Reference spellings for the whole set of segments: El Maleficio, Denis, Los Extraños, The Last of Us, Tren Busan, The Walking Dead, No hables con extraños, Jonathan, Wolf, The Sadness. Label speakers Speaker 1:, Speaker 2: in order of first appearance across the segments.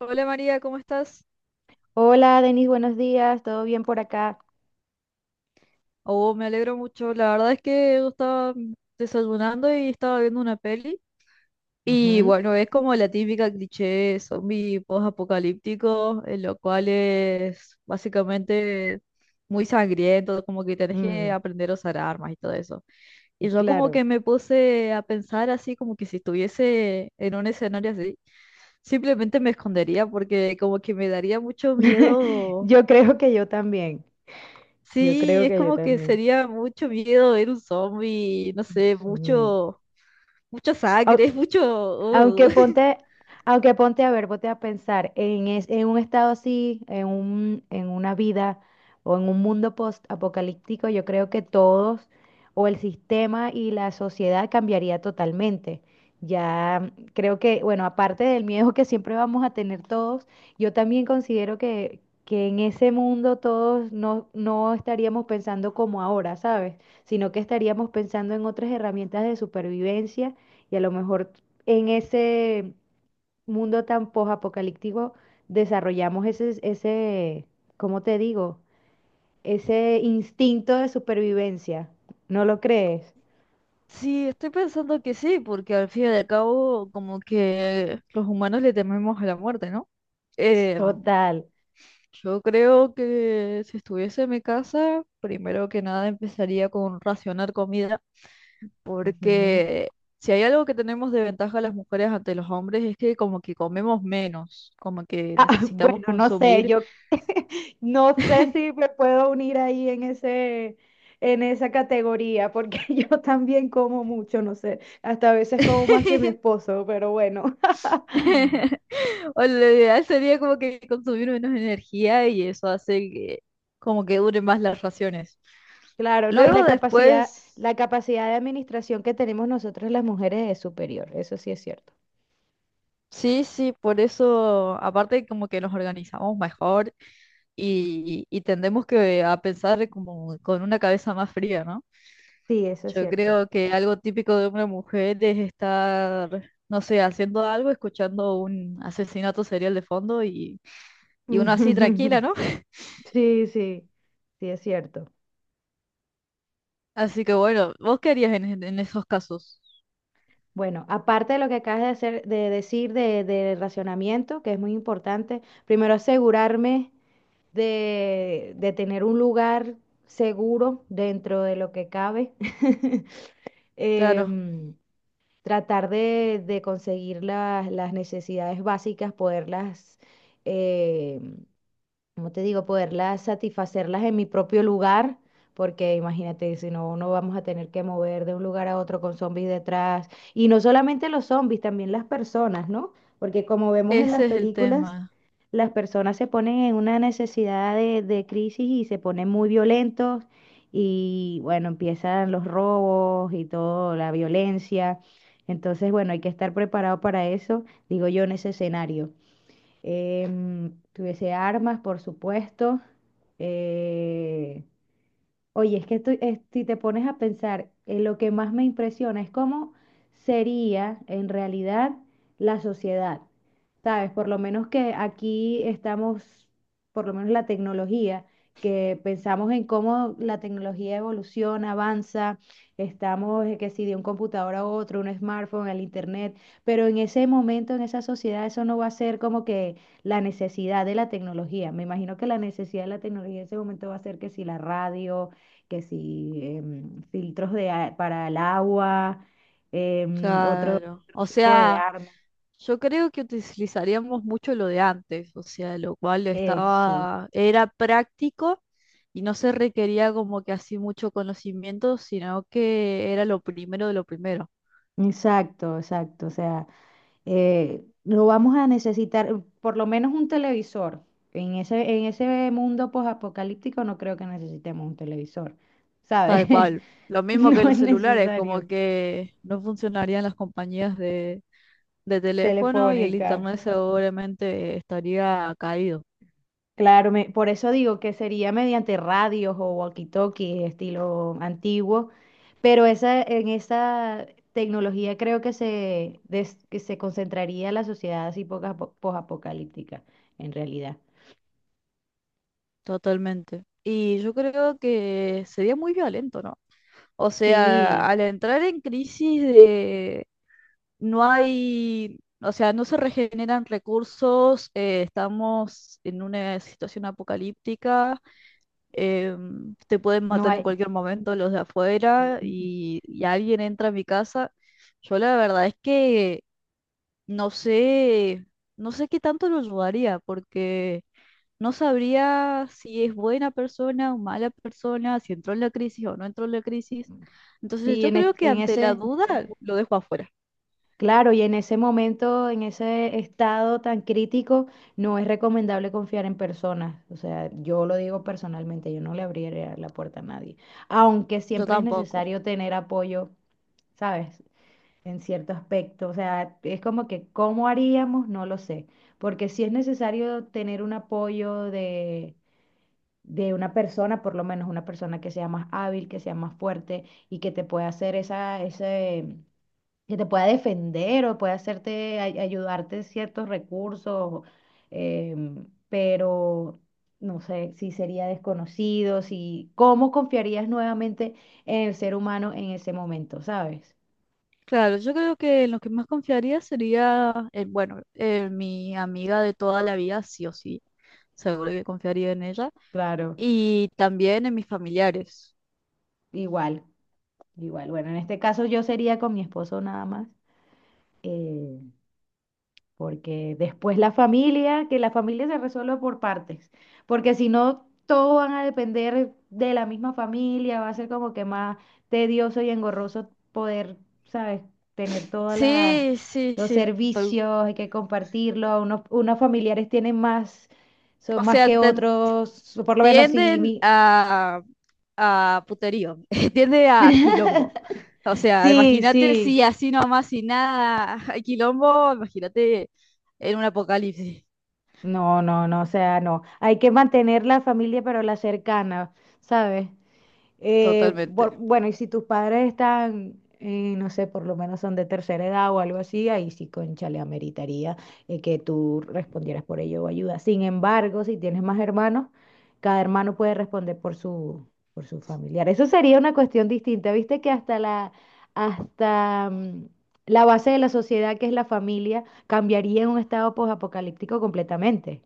Speaker 1: Hola María, ¿cómo estás?
Speaker 2: Hola, Denis, buenos días, ¿todo bien por acá?
Speaker 1: Oh, me alegro mucho. La verdad es que yo estaba desayunando y estaba viendo una peli. Y
Speaker 2: Ujú,
Speaker 1: bueno, es como la típica cliché zombie post-apocalíptico, en lo cual es básicamente muy sangriento, como que tenés que
Speaker 2: mm,
Speaker 1: aprender a usar armas y todo eso. Y yo como
Speaker 2: claro.
Speaker 1: que me puse a pensar así, como que si estuviese en un escenario así, simplemente me escondería porque como que me daría mucho miedo.
Speaker 2: Yo creo que yo también, yo
Speaker 1: Sí,
Speaker 2: creo
Speaker 1: es
Speaker 2: que yo
Speaker 1: como que
Speaker 2: también.
Speaker 1: sería mucho miedo ver un zombie, no sé,
Speaker 2: Mm.
Speaker 1: mucho, mucha
Speaker 2: Au-
Speaker 1: sangre, mucho...
Speaker 2: Aunque ponte, aunque ponte a ver, ponte a pensar en, en un estado así, en una vida o en un mundo post-apocalíptico, yo creo que todos o el sistema y la sociedad cambiaría totalmente. Ya creo que, bueno, aparte del miedo que siempre vamos a tener todos, yo también considero que en ese mundo todos no estaríamos pensando como ahora, ¿sabes? Sino que estaríamos pensando en otras herramientas de supervivencia y a lo mejor en ese mundo tan posapocalíptico desarrollamos ese, ¿cómo te digo? Ese instinto de supervivencia. ¿No lo crees?
Speaker 1: Sí, estoy pensando que sí, porque al fin y al cabo como que los humanos le tememos a la muerte, ¿no? Eh,
Speaker 2: Total.
Speaker 1: yo creo que si estuviese en mi casa, primero que nada empezaría con racionar comida,
Speaker 2: Ujú.
Speaker 1: porque si hay algo que tenemos de ventaja las mujeres ante los hombres es que como que comemos menos, como que
Speaker 2: Ah,
Speaker 1: necesitamos
Speaker 2: bueno, no sé,
Speaker 1: consumir.
Speaker 2: yo no sé si me puedo unir ahí en esa categoría, porque yo también como mucho, no sé, hasta a veces como más que mi esposo, pero bueno.
Speaker 1: O lo ideal sería como que consumir menos energía y eso hace que como que duren más las raciones.
Speaker 2: Claro, no, y
Speaker 1: Luego
Speaker 2: la capacidad,
Speaker 1: después,
Speaker 2: la capacidad de administración que tenemos nosotros las mujeres es superior, eso sí es cierto.
Speaker 1: sí, sí, por eso, aparte como que nos organizamos mejor y tendemos que a pensar como con una cabeza más fría, ¿no?
Speaker 2: Sí, eso es
Speaker 1: Yo
Speaker 2: cierto.
Speaker 1: creo que algo típico de una mujer es estar, no sé, haciendo algo, escuchando un asesinato serial de fondo y uno así tranquila, ¿no?
Speaker 2: Sí, sí, sí es cierto.
Speaker 1: Así que bueno, ¿vos qué harías en, en esos casos?
Speaker 2: Bueno, aparte de lo que acabas de hacer, de decir de racionamiento, que es muy importante, primero asegurarme de tener un lugar seguro dentro de lo que cabe.
Speaker 1: Claro,
Speaker 2: Em, Tratar de conseguir las necesidades básicas, poderlas, eh, como te digo, poderlas satisfacerlas en mi propio lugar, porque imagínate, si no, no vamos a tener que mover de un lugar a otro con zombies detrás. Y no solamente los zombies, también las personas, ¿no? Porque como vemos en las
Speaker 1: ese es el
Speaker 2: películas,
Speaker 1: tema,
Speaker 2: las personas se ponen en una necesidad de crisis y se ponen muy violentos y bueno, empiezan los robos y todo, la violencia. Entonces, bueno, hay que estar preparado para eso, digo yo, en ese escenario, que hubiese armas, por supuesto. eh, Oye, es que si te pones a pensar, lo que más me impresiona es cómo sería en realidad la sociedad. ¿Sabes? Por lo menos que aquí estamos, por lo menos la tecnología, que pensamos en cómo la tecnología evoluciona, avanza, estamos, que si de un computador a otro, un smartphone, el internet, pero en ese momento, en esa sociedad, eso no va a ser como que la necesidad de la tecnología. Me imagino que la necesidad de la tecnología en ese momento va a ser que si la radio, que sí, filtros para el agua, em, otro,
Speaker 1: claro.
Speaker 2: otro
Speaker 1: O
Speaker 2: tipo de
Speaker 1: sea,
Speaker 2: armas.
Speaker 1: yo creo que utilizaríamos mucho lo de antes, o sea, lo cual
Speaker 2: Eso,
Speaker 1: estaba, era práctico y no se requería como que así mucho conocimiento, sino que era lo primero de lo primero,
Speaker 2: exacto, exacto. O sea, lo vamos a necesitar, por lo menos un televisor. En ese mundo posapocalíptico no creo que necesitemos un televisor,
Speaker 1: tal
Speaker 2: ¿sabes?
Speaker 1: cual. Lo mismo que
Speaker 2: No
Speaker 1: los
Speaker 2: es
Speaker 1: celulares, como
Speaker 2: necesario.
Speaker 1: que no funcionarían las compañías de teléfono y el
Speaker 2: Telefónicas.
Speaker 1: internet seguramente estaría caído.
Speaker 2: Claro, por eso digo que sería mediante radios o walkie-talkies estilo antiguo, pero en esa tecnología creo que se concentraría la sociedad así posapocalíptica, en realidad.
Speaker 1: Totalmente. Y yo creo que sería muy violento, ¿no? O sea,
Speaker 2: Sí,
Speaker 1: al entrar en crisis de no hay, o sea, no se regeneran recursos, estamos en una situación apocalíptica, te pueden
Speaker 2: no
Speaker 1: matar en
Speaker 2: hay.
Speaker 1: cualquier momento los de afuera
Speaker 2: eh,
Speaker 1: y alguien entra a mi casa. Yo la verdad es que no sé, no sé qué tanto lo ayudaría porque... No sabría si es buena persona o mala persona, si entró en la crisis o no entró en la crisis. Entonces
Speaker 2: Sí,
Speaker 1: yo creo que
Speaker 2: en
Speaker 1: ante la
Speaker 2: ese.
Speaker 1: duda lo dejo afuera.
Speaker 2: Claro, y en ese momento, en ese estado tan crítico, no es recomendable confiar en personas. O sea, yo lo digo personalmente, yo no le abriría la puerta a nadie. Aunque
Speaker 1: Yo
Speaker 2: siempre es
Speaker 1: tampoco.
Speaker 2: necesario tener apoyo, ¿sabes? En cierto aspecto. O sea, es como que, ¿cómo haríamos? No lo sé. Porque sí es necesario tener un apoyo de una persona, por lo menos una persona que sea más hábil, que sea más fuerte y que te pueda hacer ese que te pueda defender o pueda hacerte, ayudarte ciertos recursos, pero no sé si sería desconocido, si, ¿cómo confiarías nuevamente en el ser humano en ese momento, ¿sabes?
Speaker 1: Claro, yo creo que en lo que más confiaría sería, en, bueno, en mi amiga de toda la vida, sí o sí. Seguro que confiaría en ella.
Speaker 2: Claro,
Speaker 1: Y también en mis familiares.
Speaker 2: igual, igual. Bueno, en este caso yo sería con mi esposo nada más. eh, Porque después que la familia se resuelva por partes, porque si no, todos van a depender de la misma familia, va a ser como que más tedioso y engorroso poder, ¿sabes?, tener todas las...
Speaker 1: Sí, sí,
Speaker 2: Los
Speaker 1: sí.
Speaker 2: servicios, hay que compartirlo. Unos familiares tienen más, son
Speaker 1: O
Speaker 2: más
Speaker 1: sea,
Speaker 2: que
Speaker 1: te
Speaker 2: otros, por lo menos si
Speaker 1: tienden
Speaker 2: mi...
Speaker 1: a puterío, tiende a quilombo. O sea,
Speaker 2: Sí,
Speaker 1: imagínate
Speaker 2: sí.
Speaker 1: si así nomás, sin nada, hay quilombo, imagínate en un apocalipsis,
Speaker 2: No, no, no, o sea, no. Hay que mantener la familia, pero la cercana, ¿sabes?
Speaker 1: totalmente,
Speaker 2: Bueno, y si tus padres están, no sé, por lo menos son de tercera edad o algo así, ahí sí, concha, le ameritaría, que tú respondieras por ello o ayuda. Sin embargo, si tienes más hermanos, cada hermano puede responder por su familiar. Eso sería una cuestión distinta. Viste que hasta la, hasta, mm, la base de la sociedad, que es la familia, cambiaría en un estado posapocalíptico completamente.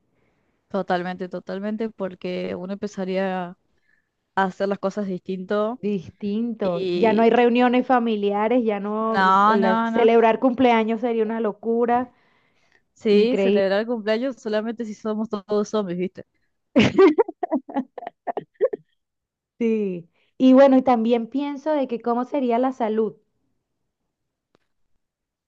Speaker 1: totalmente, totalmente, porque uno empezaría a hacer las cosas distinto
Speaker 2: Distinto. Ya no
Speaker 1: y
Speaker 2: hay reuniones familiares, ya no,
Speaker 1: no, no, no.
Speaker 2: celebrar cumpleaños sería una locura.
Speaker 1: Sí,
Speaker 2: Increíble.
Speaker 1: celebrar el cumpleaños solamente si somos todos zombies, ¿viste?
Speaker 2: Sí. Y bueno, y también pienso de que cómo sería la salud.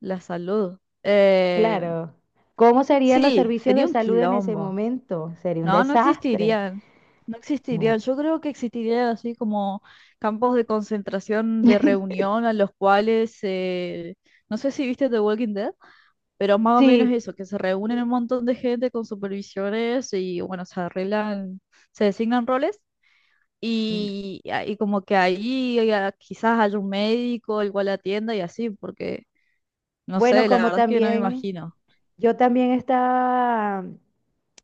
Speaker 1: La salud.
Speaker 2: Claro. ¿Cómo serían los
Speaker 1: Sí,
Speaker 2: servicios de
Speaker 1: sería un
Speaker 2: salud en ese
Speaker 1: quilombo.
Speaker 2: momento? Sería un
Speaker 1: No, no
Speaker 2: desastre.
Speaker 1: existirían. No existirían.
Speaker 2: No.
Speaker 1: Yo creo que existirían así como campos de concentración, de reunión a los cuales, no sé si viste The Walking Dead, pero más o menos
Speaker 2: Sí.
Speaker 1: eso, que se reúnen un montón de gente con supervisiones y bueno, se arreglan, se designan roles
Speaker 2: Mm.
Speaker 1: y como que ahí quizás haya un médico, el cual atienda y así, porque no
Speaker 2: Bueno,
Speaker 1: sé, la
Speaker 2: como
Speaker 1: verdad es que no me
Speaker 2: también,
Speaker 1: imagino.
Speaker 2: yo también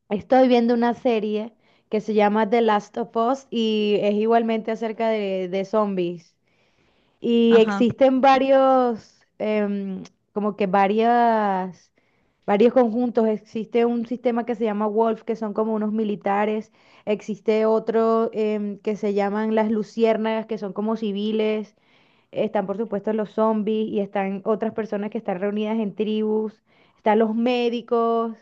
Speaker 2: estoy viendo una serie que se llama The Last of Us y es igualmente acerca de zombies. Y
Speaker 1: Ajá,
Speaker 2: existen varios, como que varias, varios conjuntos. Existe un sistema que se llama Wolf, que son como unos militares. Existe otro, que se llaman las luciérnagas, que son como civiles. Están, por supuesto, los zombies y están otras personas que están reunidas en tribus. Están los médicos.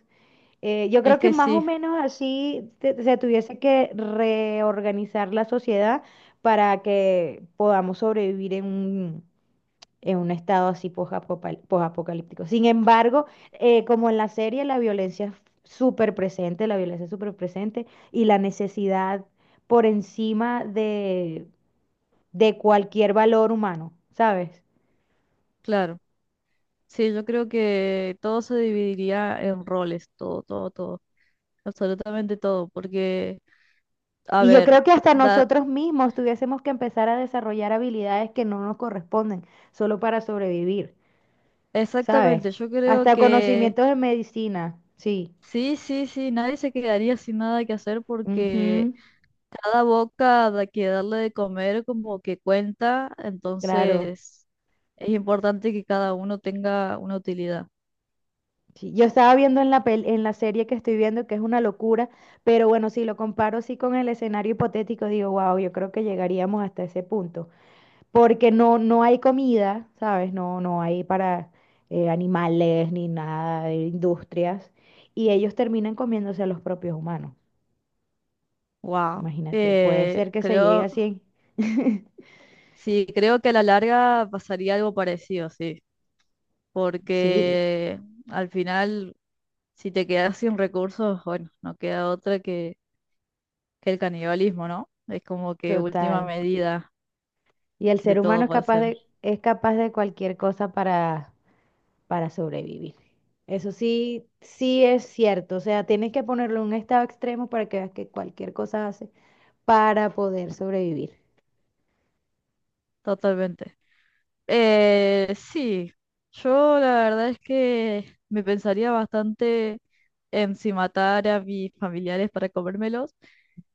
Speaker 2: Yo
Speaker 1: es
Speaker 2: creo que
Speaker 1: que
Speaker 2: más o
Speaker 1: sí,
Speaker 2: menos así se tuviese que reorganizar la sociedad para que podamos sobrevivir en un, estado así posapocalíptico. Sin embargo, como en la serie, la violencia es súper presente, la violencia es súper presente y la necesidad por encima de cualquier valor humano, ¿sabes?
Speaker 1: claro. Sí, yo creo que todo se dividiría en roles, todo, todo, todo, absolutamente todo, porque, a
Speaker 2: Y yo
Speaker 1: ver,
Speaker 2: creo que hasta
Speaker 1: da,
Speaker 2: nosotros mismos tuviésemos que empezar a desarrollar habilidades que no nos corresponden solo para sobrevivir. ¿Sabes?
Speaker 1: exactamente, yo creo
Speaker 2: Hasta
Speaker 1: que
Speaker 2: conocimientos de medicina, sí.
Speaker 1: sí, sí, sí, nadie se quedaría sin nada que hacer porque
Speaker 2: Ujú,
Speaker 1: cada boca que darle de comer como que cuenta,
Speaker 2: claro.
Speaker 1: entonces es importante que cada uno tenga una utilidad.
Speaker 2: Sí, yo estaba viendo en la serie que estoy viendo, que es una locura, pero bueno, si lo comparo así con el escenario hipotético, digo, wow, yo creo que llegaríamos hasta ese punto, porque no, no hay comida, ¿sabes? No, no hay para, animales ni nada de industrias, y ellos terminan comiéndose a los propios humanos.
Speaker 1: Wow.
Speaker 2: Imagínate, puede ser que se llegue a
Speaker 1: Creo,
Speaker 2: cien.
Speaker 1: sí, creo que a la larga pasaría algo parecido, sí.
Speaker 2: Sí,
Speaker 1: Porque al final, si te quedas sin recursos, bueno, no queda otra que el canibalismo, ¿no? Es como que última
Speaker 2: total.
Speaker 1: medida
Speaker 2: Y el
Speaker 1: de
Speaker 2: ser humano
Speaker 1: todo
Speaker 2: es
Speaker 1: para
Speaker 2: capaz
Speaker 1: hacer,
Speaker 2: de, es capaz de cualquier cosa para, sobrevivir. Eso sí, sí es cierto. O sea, tienes que ponerlo en un estado extremo para que veas que cualquier cosa hace para poder sobrevivir.
Speaker 1: totalmente. Sí, yo la verdad es que me pensaría bastante en si matar a mis familiares para comérmelos,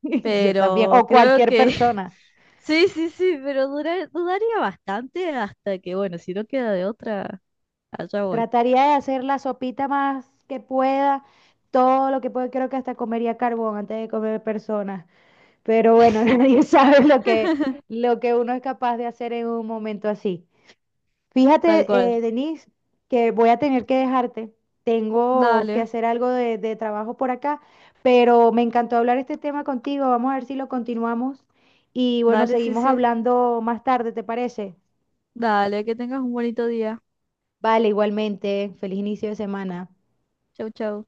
Speaker 2: Yo también,
Speaker 1: pero
Speaker 2: o
Speaker 1: creo
Speaker 2: cualquier
Speaker 1: que...
Speaker 2: persona.
Speaker 1: Sí, sí, sí, pero dudaría bastante hasta que, bueno, si no queda de otra, allá voy.
Speaker 2: Trataría de hacer la sopita más que pueda, todo lo que pueda. Creo que hasta comería carbón antes de comer personas. Pero bueno, nadie sabe lo que uno es capaz de hacer en un momento así.
Speaker 1: Tal
Speaker 2: Fíjate,
Speaker 1: cual.
Speaker 2: Denise, que voy a tener que dejarte. Tengo
Speaker 1: Dale,
Speaker 2: que hacer algo de trabajo por acá, pero me encantó hablar este tema contigo. Vamos a ver si lo continuamos. Y bueno,
Speaker 1: dale, sí,
Speaker 2: seguimos
Speaker 1: sí.
Speaker 2: hablando más tarde, ¿te parece?
Speaker 1: Dale, que tengas un bonito día.
Speaker 2: Vale, igualmente. Feliz inicio de semana.
Speaker 1: Chau, chau.